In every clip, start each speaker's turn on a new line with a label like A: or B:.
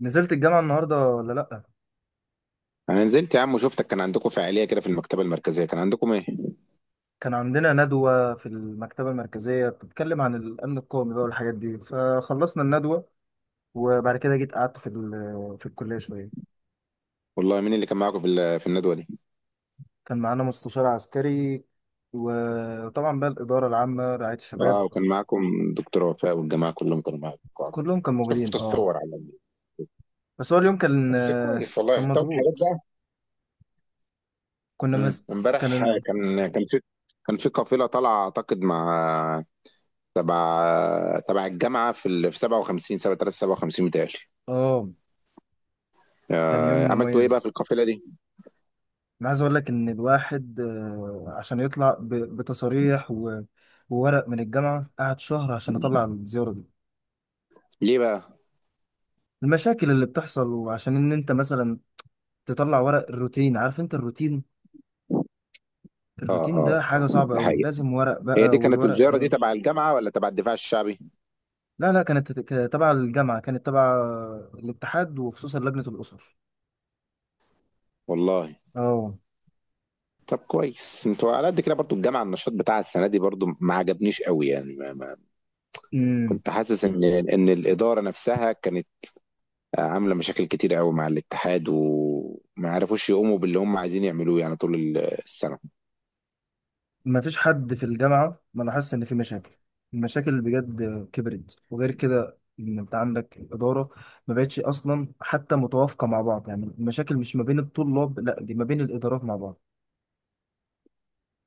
A: نزلت الجامعة النهاردة ولا لأ؟
B: انا نزلت يا عم، وشفتك كان عندكم فعاليه كده في المكتبه المركزيه. كان عندكم ايه؟
A: كان عندنا ندوة في المكتبة المركزية بتتكلم عن الأمن القومي بقى والحاجات دي، فخلصنا الندوة وبعد كده جيت قعدت في الكلية شوية.
B: والله مين اللي كان معاكم في الندوه دي؟
A: كان معانا مستشار عسكري، وطبعا بقى الإدارة العامة رعاية
B: اه،
A: الشباب.
B: وكان معاكم دكتور وفاء والجماعه كلهم كانوا معاكم.
A: كلهم كانوا
B: شفت
A: موجودين، اه.
B: الصور على النت.
A: بس هو اليوم كان
B: بس كويس
A: كان
B: والله. طب حاجات
A: مضغوط.
B: بقى.
A: كنا
B: مم.
A: مس كان
B: امبارح
A: ال...
B: كان كان في كان في قافله طالعه اعتقد مع تبع الجامعه في 57 سبعة 57 متهيألي.
A: اه، كان يوم
B: عملتوا ايه بقى في
A: مميز.
B: القافله دي؟
A: انا عايز اقول لك ان الواحد، عشان يطلع بتصاريح وورق من الجامعه قعد شهر عشان اطلع الزياره دي.
B: ليه بقى؟
A: المشاكل اللي بتحصل، وعشان ان انت مثلا تطلع ورق الروتين. عارف انت الروتين؟ الروتين ده حاجه صعبه
B: ده
A: قوي،
B: حقيقه.
A: لازم ورق
B: هي دي
A: بقى،
B: كانت
A: والورق
B: الزياره دي
A: ده...
B: تبع الجامعه ولا تبع الدفاع الشعبي؟
A: لا لا، كانت تبع الجامعه، كانت تبع الاتحاد وخصوصا لجنه الاسر.
B: والله.
A: اه.
B: طب كويس، انتوا على قد كده برضو. الجامعه النشاط بتاعها السنه دي برضو ما عجبنيش قوي يعني، ما ما
A: إمم.
B: كنت حاسس ان الاداره نفسها كانت عامله مشاكل كتير قوي مع الاتحاد، وما عرفوش يقوموا باللي هم عايزين يعملوه يعني طول السنه.
A: ما فيش حد في الجامعة ما لاحظش إن في مشاكل. المشاكل بجد كبرت، وغير كده إن أنت عندك الإدارة ما بقتش أصلا حتى متوافقة مع بعض. يعني المشاكل مش ما بين الطلاب، لا، دي ما بين الإدارات مع بعض.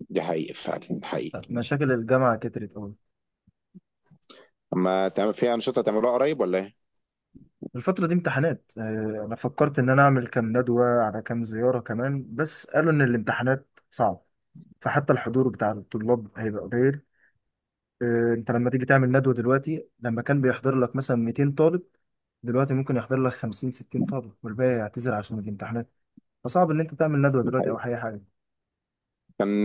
B: دي حقيقي فعلا، حقيقي.
A: مشاكل الجامعة كترت أوي.
B: اما تعمل في انشطه تعملوها قريب ولا ايه؟
A: الفترة دي امتحانات، أنا فكرت إن أنا أعمل كام ندوة على كام زيارة كمان، بس قالوا إن الامتحانات صعب، فحتى الحضور بتاع الطلاب هيبقى قليل. أنت لما تيجي تعمل ندوة دلوقتي، لما كان بيحضر لك مثلا 200 طالب، دلوقتي ممكن يحضر لك 50 60 طالب، والباقي يعتذر عشان الامتحانات. فصعب ان انت تعمل ندوه
B: دي
A: دلوقتي او
B: حقيقة.
A: اي حاجه.
B: كان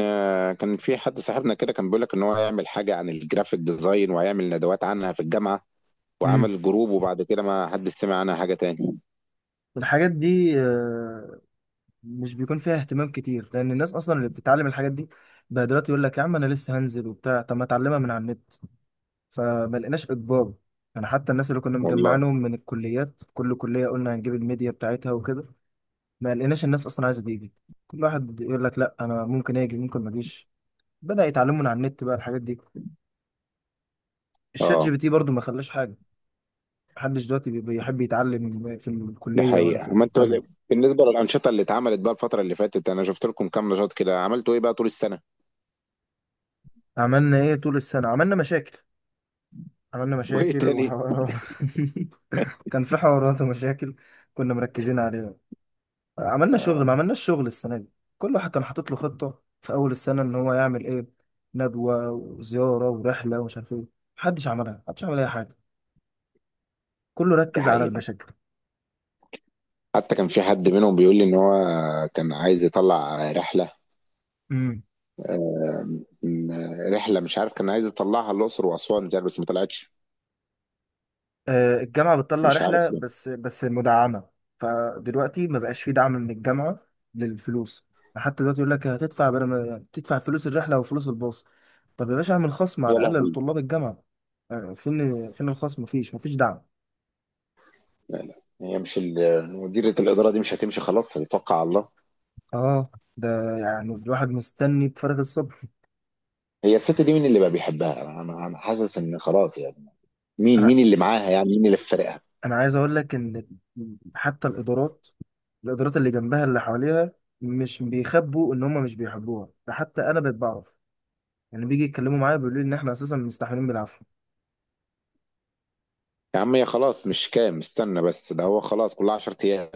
B: كان في حد صاحبنا كده كان بيقول لك ان هو هيعمل حاجه عن الجرافيك ديزاين، وهيعمل ندوات عنها في الجامعه،
A: امم
B: وعمل جروب، وبعد كده ما حد سمع عنها حاجه تاني.
A: الحاجات دي، مش بيكون فيها اهتمام كتير، لان الناس اصلا اللي بتتعلم الحاجات دي بقى دلوقتي يقول لك يا عم انا لسه هنزل وبتاع، طب ما اتعلمها من على النت. فما لقيناش اجبار، يعني حتى الناس اللي كنا
B: والله.
A: مجمعينهم من الكليات، كل كليه قلنا هنجيب الميديا بتاعتها وكده، ما لقيناش الناس اصلا عايزه تيجي. كل واحد يقول لك لا، انا ممكن اجي ممكن ما اجيش. بدا يتعلموا من على النت بقى الحاجات دي. الشات جي
B: اه،
A: بي تي برضو ما خلاش حاجه. محدش دلوقتي بيحب يتعلم في
B: دي
A: الكلية ولا في
B: حقيقة. ما انتوا
A: الجامعة.
B: بالنسبة للأنشطة اللي اتعملت بقى الفترة اللي فاتت، أنا شفت لكم كام نشاط كده. عملتوا إيه بقى طول السنة؟
A: عملنا ايه طول السنة؟ عملنا مشاكل. عملنا
B: وإيه
A: مشاكل
B: تاني؟
A: وحوارات. كان في حوارات ومشاكل، كنا مركزين عليها. عملنا شغل، ما عملناش شغل السنة دي. كل واحد كان حاطط له خطة في أول السنة إن هو يعمل ايه: ندوة وزيارة ورحلة ومش عارف ايه. محدش عملها، محدش عمل أي حاجة. كله
B: دي
A: ركز على
B: حقيقة.
A: المشاكل.
B: حتى كان في حد منهم بيقول لي إن هو كان عايز يطلع رحلة، رحلة، مش عارف، كان عايز يطلعها الأقصر وأسوان، مش عارف، بس ما طلعتش.
A: الجامعة بتطلع
B: مش
A: رحلة
B: عارف ليه.
A: بس مدعمة. فدلوقتي ما بقاش في دعم من الجامعة للفلوس. حتى دلوقتي يقول لك هتدفع، بدل ما تدفع فلوس الرحلة وفلوس الباص. طب يا باشا اعمل خصم
B: يا
A: على الأقل
B: لهوي.
A: لطلاب الجامعة. فين الخصم؟ مفيش دعم.
B: هي مش مديرة الإدارة دي مش هتمشي؟ خلاص، هيتوقع على الله.
A: اه. ده يعني الواحد مستني بفارغ الصبر.
B: هي الست دي مين اللي بقى بيحبها؟ أنا حاسس إن خلاص يعني. مين
A: انا
B: مين اللي معاها يعني؟ مين اللي في فريقها؟
A: انا عايز اقول لك ان حتى الادارات، الادارات اللي جنبها اللي حواليها مش بيخبوا ان هم مش بيحبوها. ده حتى انا بقيت بعرف، يعني بيجي يتكلموا معايا بيقولوا لي ان احنا اساسا مستحملين بالعافيه.
B: يا عم، هي خلاص مش كام؟ استنى بس، ده هو خلاص كلها 10 أيام.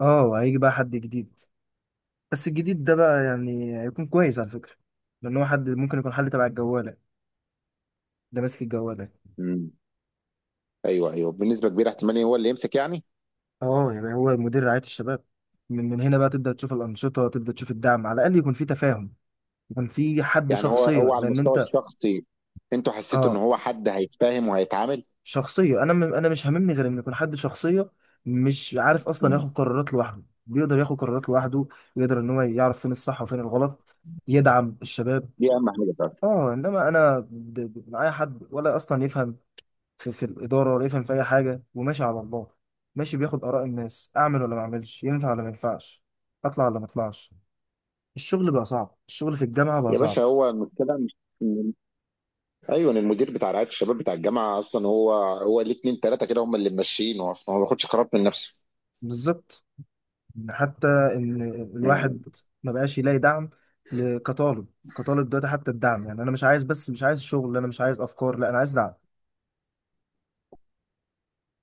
A: اه، وهيجي بقى حد جديد. بس الجديد ده بقى يعني هيكون كويس على فكره، لان هو حد ممكن يكون حل. تبع الجواله، ده ماسك الجواله.
B: امم. ايوه، ايوه، بنسبه كبيره احتمال هو اللي يمسك يعني.
A: اه، يعني هو مدير رعايه الشباب. من هنا بقى تبدا تشوف الانشطه، تبدا تشوف الدعم، على الاقل يكون في تفاهم، يكون في حد
B: يعني هو
A: شخصيه.
B: هو على
A: لان
B: المستوى
A: انت،
B: الشخصي، انتوا حسيتوا ان
A: اه،
B: هو حد هيتفاهم وهيتعامل؟
A: شخصيه. انا انا مش هاممني غير ان يكون حد شخصيه، مش عارف اصلا
B: مم.
A: ياخد قرارات لوحده، بيقدر ياخد قرارات لوحده، يقدر ان هو يعرف فين الصح وفين الغلط، يدعم الشباب.
B: دي اهم حاجه فعلا.
A: اه انما انا معايا حد ولا اصلا يفهم في الاداره، ولا يفهم في اي حاجه، وماشي على الله، ماشي بياخد اراء الناس: اعمل ولا ما اعملش، ينفع ولا ما ينفعش، اطلع ولا ما اطلعش. الشغل بقى صعب، الشغل في الجامعه بقى
B: يا باشا،
A: صعب.
B: هو المشكله مش إن- ايوه، إن المدير بتاع رعايه الشباب بتاع الجامعه اصلا، هو ليه اتنين تلاته كده هم اللي ماشيينه، اصلا هو ما بياخدش قرارات من نفسه.
A: بالظبط. إن حتى ان
B: مم.
A: الواحد ما بقاش يلاقي دعم كطالب. كطالب دلوقتي حتى الدعم، يعني انا مش عايز بس، مش عايز شغل، انا مش عايز افكار، لا، انا عايز دعم.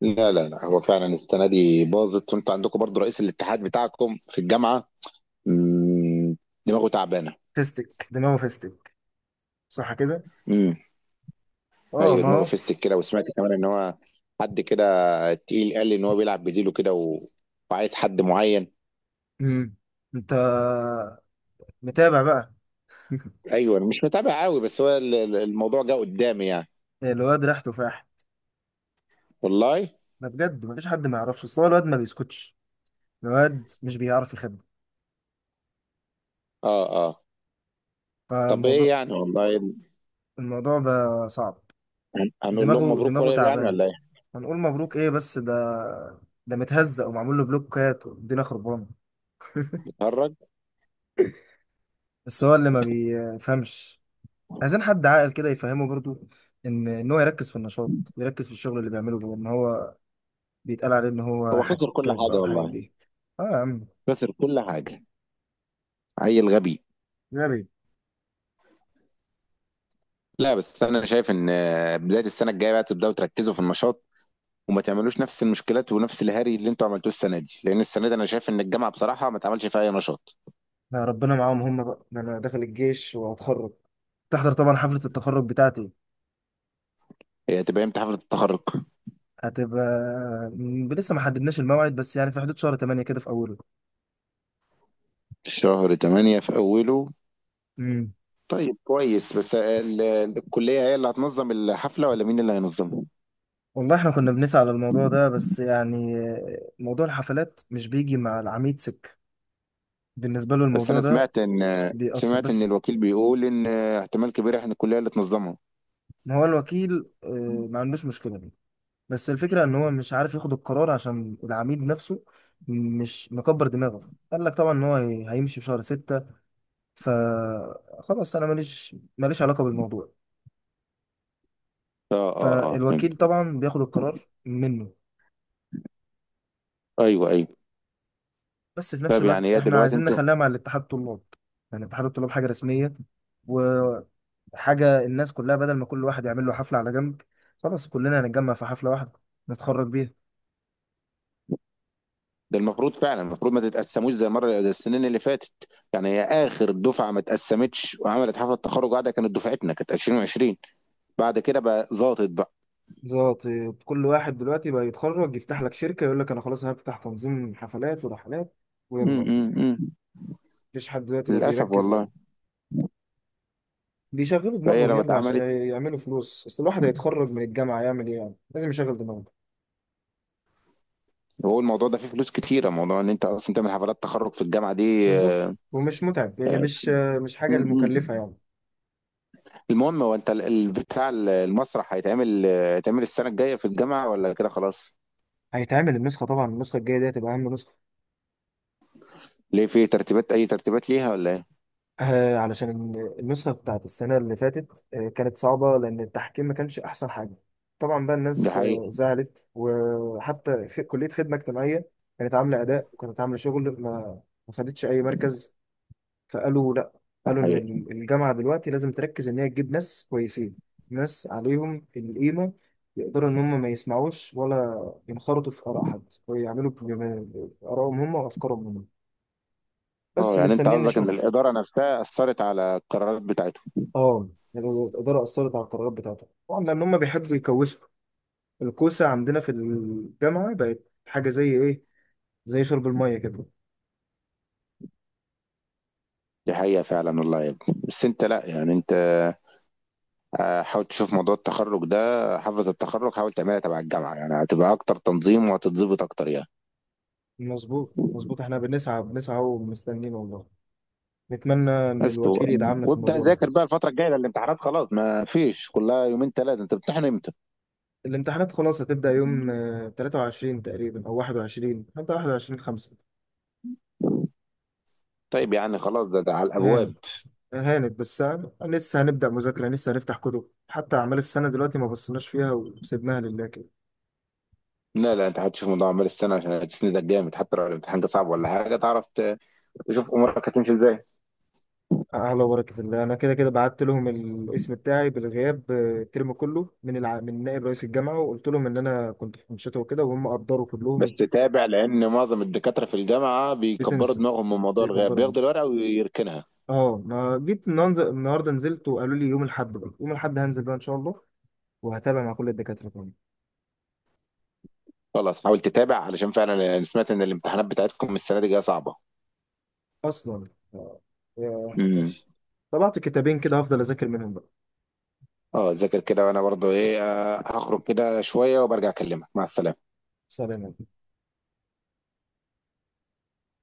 B: لا، لا، لا، هو فعلا السنه دي باظت. وانتوا عندكم برضو رئيس الاتحاد بتاعكم في الجامعه مم، دماغه تعبانه.
A: فيستك دماغه فيستك، صح كده؟ اه،
B: ايوه،
A: ما
B: دماغه
A: هو.
B: فيستك كده. وسمعت كمان ان هو حد كده تقيل، قال لي ان هو بيلعب بديله كده وعايز حد معين.
A: مم. انت متابع بقى؟
B: ايوه، انا مش متابع قوي، بس هو الموضوع جه قدامي يعني.
A: الواد ريحته تفاح.
B: والله.
A: ده بجد مفيش حد ما يعرفش، اصل هو الواد ما بيسكتش، الواد مش بيعرف يخبي.
B: اه اه طب ايه
A: فالموضوع
B: يعني؟ والله
A: الموضوع بقى صعب.
B: هنقول لهم
A: دماغه
B: مبروك
A: دماغه
B: قريب يعني
A: تعبانه.
B: ولا ايه؟
A: هنقول مبروك ايه؟ بس ده متهزق ومعمول له بلوكات والدنيا خربانه.
B: اتهرج.
A: بس هو اللي ما بيفهمش. عايزين حد عاقل كده يفهمه برضو، ان هو يركز في النشاط، يركز في الشغل اللي بيعمله، بدل ما هو بيتقال عليه ان هو
B: هو خسر كل
A: حكاك بقى
B: حاجه
A: والحاجات
B: والله.
A: دي. اه يا عم.
B: خسر كل حاجه. عيل غبي.
A: غبي.
B: لا، بس انا شايف ان بدايه السنه الجايه بقى تبداوا تركزوا في النشاط، وما تعملوش نفس المشكلات ونفس الهري اللي انتوا عملتوه السنه دي، لان السنه دي انا شايف ان الجامعه بصراحه ما اتعملش فيها اي نشاط.
A: لا، ربنا معاهم هم بقى. ده انا داخل الجيش وهتخرج، تحضر طبعا حفلة التخرج بتاعتي.
B: هي هتبقى امتى حفلة التخرج؟
A: هتبقى لسه ما حددناش الموعد، بس يعني في حدود شهر 8 كده في اوله.
B: شهر 8 في أوله.
A: امم
B: طيب كويس. بس الكلية هي اللي هتنظم الحفلة ولا مين اللي هينظمها؟
A: والله احنا كنا بنسعى على الموضوع ده، بس يعني موضوع الحفلات مش بيجي مع العميد. بالنسبة له
B: بس
A: الموضوع
B: أنا
A: ده
B: سمعت إن
A: بيأثر
B: سمعت إن
A: بس.
B: الوكيل بيقول إن احتمال كبير إحنا الكلية اللي تنظمها.
A: ما هو الوكيل، ما عندوش مشكلة دي، بس الفكرة ان هو مش عارف ياخد القرار عشان العميد نفسه مش مكبر دماغه، قال لك طبعا ان هو هيمشي في شهر 6. فخلاص انا ماليش علاقه بالموضوع.
B: فهمت.
A: فالوكيل طبعا بياخد القرار منه.
B: أيوه، أيوه.
A: بس في نفس
B: طيب يعني
A: الوقت
B: هي
A: احنا
B: دلوقتي
A: عايزين
B: أنتوا.
A: نخليها مع الاتحاد الطلاب، يعني اتحاد الطلاب حاجه رسميه وحاجه الناس كلها، بدل ما كل واحد يعمل له حفله على جنب، خلاص كلنا هنتجمع في حفله واحده نتخرج بيها.
B: ده المفروض فعلا، المفروض ما تتقسموش زي مرة، زي السنين اللي فاتت. يعني هي آخر دفعة ما اتقسمتش وعملت حفلة تخرج قاعدة كانت دفعتنا، كانت 2020. بعد كده بقى ظابط بقى.
A: بالظبط. كل واحد دلوقتي بقى يتخرج يفتح لك شركه يقول لك انا خلاص هفتح تنظيم حفلات ورحلات،
B: م
A: ويلا.
B: -م -م.
A: مفيش حد دلوقتي بقى
B: للأسف
A: بيركز،
B: والله.
A: بيشغلوا
B: فهي
A: دماغهم
B: لو
A: يلا عشان
B: اتعملت،
A: يعملوا فلوس. اصل الواحد هيتخرج من الجامعة يعمل ايه يعني، لازم يشغل دماغه.
B: هو الموضوع ده فيه فلوس كتيرة. موضوع ان انت اصلا تعمل حفلات تخرج في الجامعة دي.
A: بالظبط.
B: آه،
A: ومش متعب يعني،
B: آه،
A: مش
B: م-
A: حاجة
B: م.
A: مكلفة يعني.
B: المهم هو انت المسرح هيتعمل، هيتعمل السنة الجاية في الجامعة ولا كده خلاص؟
A: هيتعمل النسخة طبعا، النسخة الجاية دي هتبقى أهم نسخة.
B: ليه؟ في ترتيبات؟ اي ترتيبات ليها ولا ايه؟
A: آه علشان النسخة بتاعت السنة اللي فاتت كانت صعبة، لأن التحكيم ما كانش أحسن حاجة. طبعا بقى
B: دي
A: الناس
B: حقيقة.
A: زعلت، وحتى في كلية خدمة اجتماعية كانت عاملة أداء وكانت عاملة شغل، ما خدتش أي مركز. فقالوا لا،
B: دي
A: قالوا ان
B: حقيقة.
A: الجامعه دلوقتي لازم تركز ان هي تجيب ناس كويسين، ناس عليهم القيمه، يقدروا ان هم ما يسمعوش ولا ينخرطوا في اراء حد، ويعملوا بارائهم هم وافكارهم هم. بس
B: اه، يعني انت
A: مستنيين
B: قصدك ان
A: نشوف.
B: الإدارة نفسها أثرت على القرارات بتاعتهم؟
A: اه. يعني الاداره اثرت على القرارات بتاعتهم طبعا، لان هم بيحبوا يكوسوا. الكوسه عندنا في الجامعه بقت حاجه زي ايه؟ زي شرب الميه كده.
B: دي حقيقة فعلا والله يا ابني. بس انت، لا يعني انت، حاول تشوف موضوع التخرج ده، حفلة التخرج حاول تعملها تبع الجامعة، يعني هتبقى اكتر تنظيم وهتتظبط اكتر يعني.
A: مظبوط مظبوط، احنا بنسعى بنسعى ومستنيين والله. نتمنى ان
B: بس
A: الوكيل يدعمنا في
B: وابدأ
A: الموضوع ده.
B: ذاكر بقى الفترة الجاية. ده الامتحانات خلاص ما فيش، كلها يومين ثلاثة. انت بتمتحن امتى؟
A: الامتحانات خلاص هتبدأ يوم 23 تقريبا أو 21، حتى 21 5.
B: طيب يعني خلاص، ده على الابواب.
A: هانت هانت، بس لسه هنبدأ مذاكرة، لسه هنفتح كتب. حتى أعمال السنة دلوقتي ما بصيناش فيها وسيبناها لله كده.
B: لا، لا، انت هتشوف الموضوع عمال السنة عشان هتسندك جامد حتى لو الامتحان كان صعب ولا حاجة. تعرف تشوف امورك هتمشي ازاي.
A: أعلى بركة الله. أنا كده كده بعت لهم الاسم بتاعي بالغياب، الترم كله، من نائب رئيس الجامعة، وقلت لهم إن أنا كنت في أنشطة وكده، وهم قدروا
B: بس
A: كلهم.
B: تابع، لان معظم الدكاترة في الجامعة بيكبروا
A: بتنسى.
B: دماغهم من موضوع الغياب،
A: بيقدروا جدا.
B: بياخدوا الورقة ويركنها.
A: اه. ما جيت النهاردة نزلت وقالوا لي يوم الأحد، بقى يوم الأحد هنزل بقى إن شاء الله، وهتابع مع كل الدكاترة.
B: خلاص حاول تتابع، علشان فعلا انا سمعت ان الامتحانات بتاعتكم السنة دي جاية صعبة.
A: اصلا، آه، يا
B: امم.
A: ماشي. طبعت كتابين كده هفضل اذاكر منهم بقى.
B: اه، ذاكر كده. وانا برضو ايه، هخرج كده شوية وبرجع اكلمك. مع السلامة.
A: سلام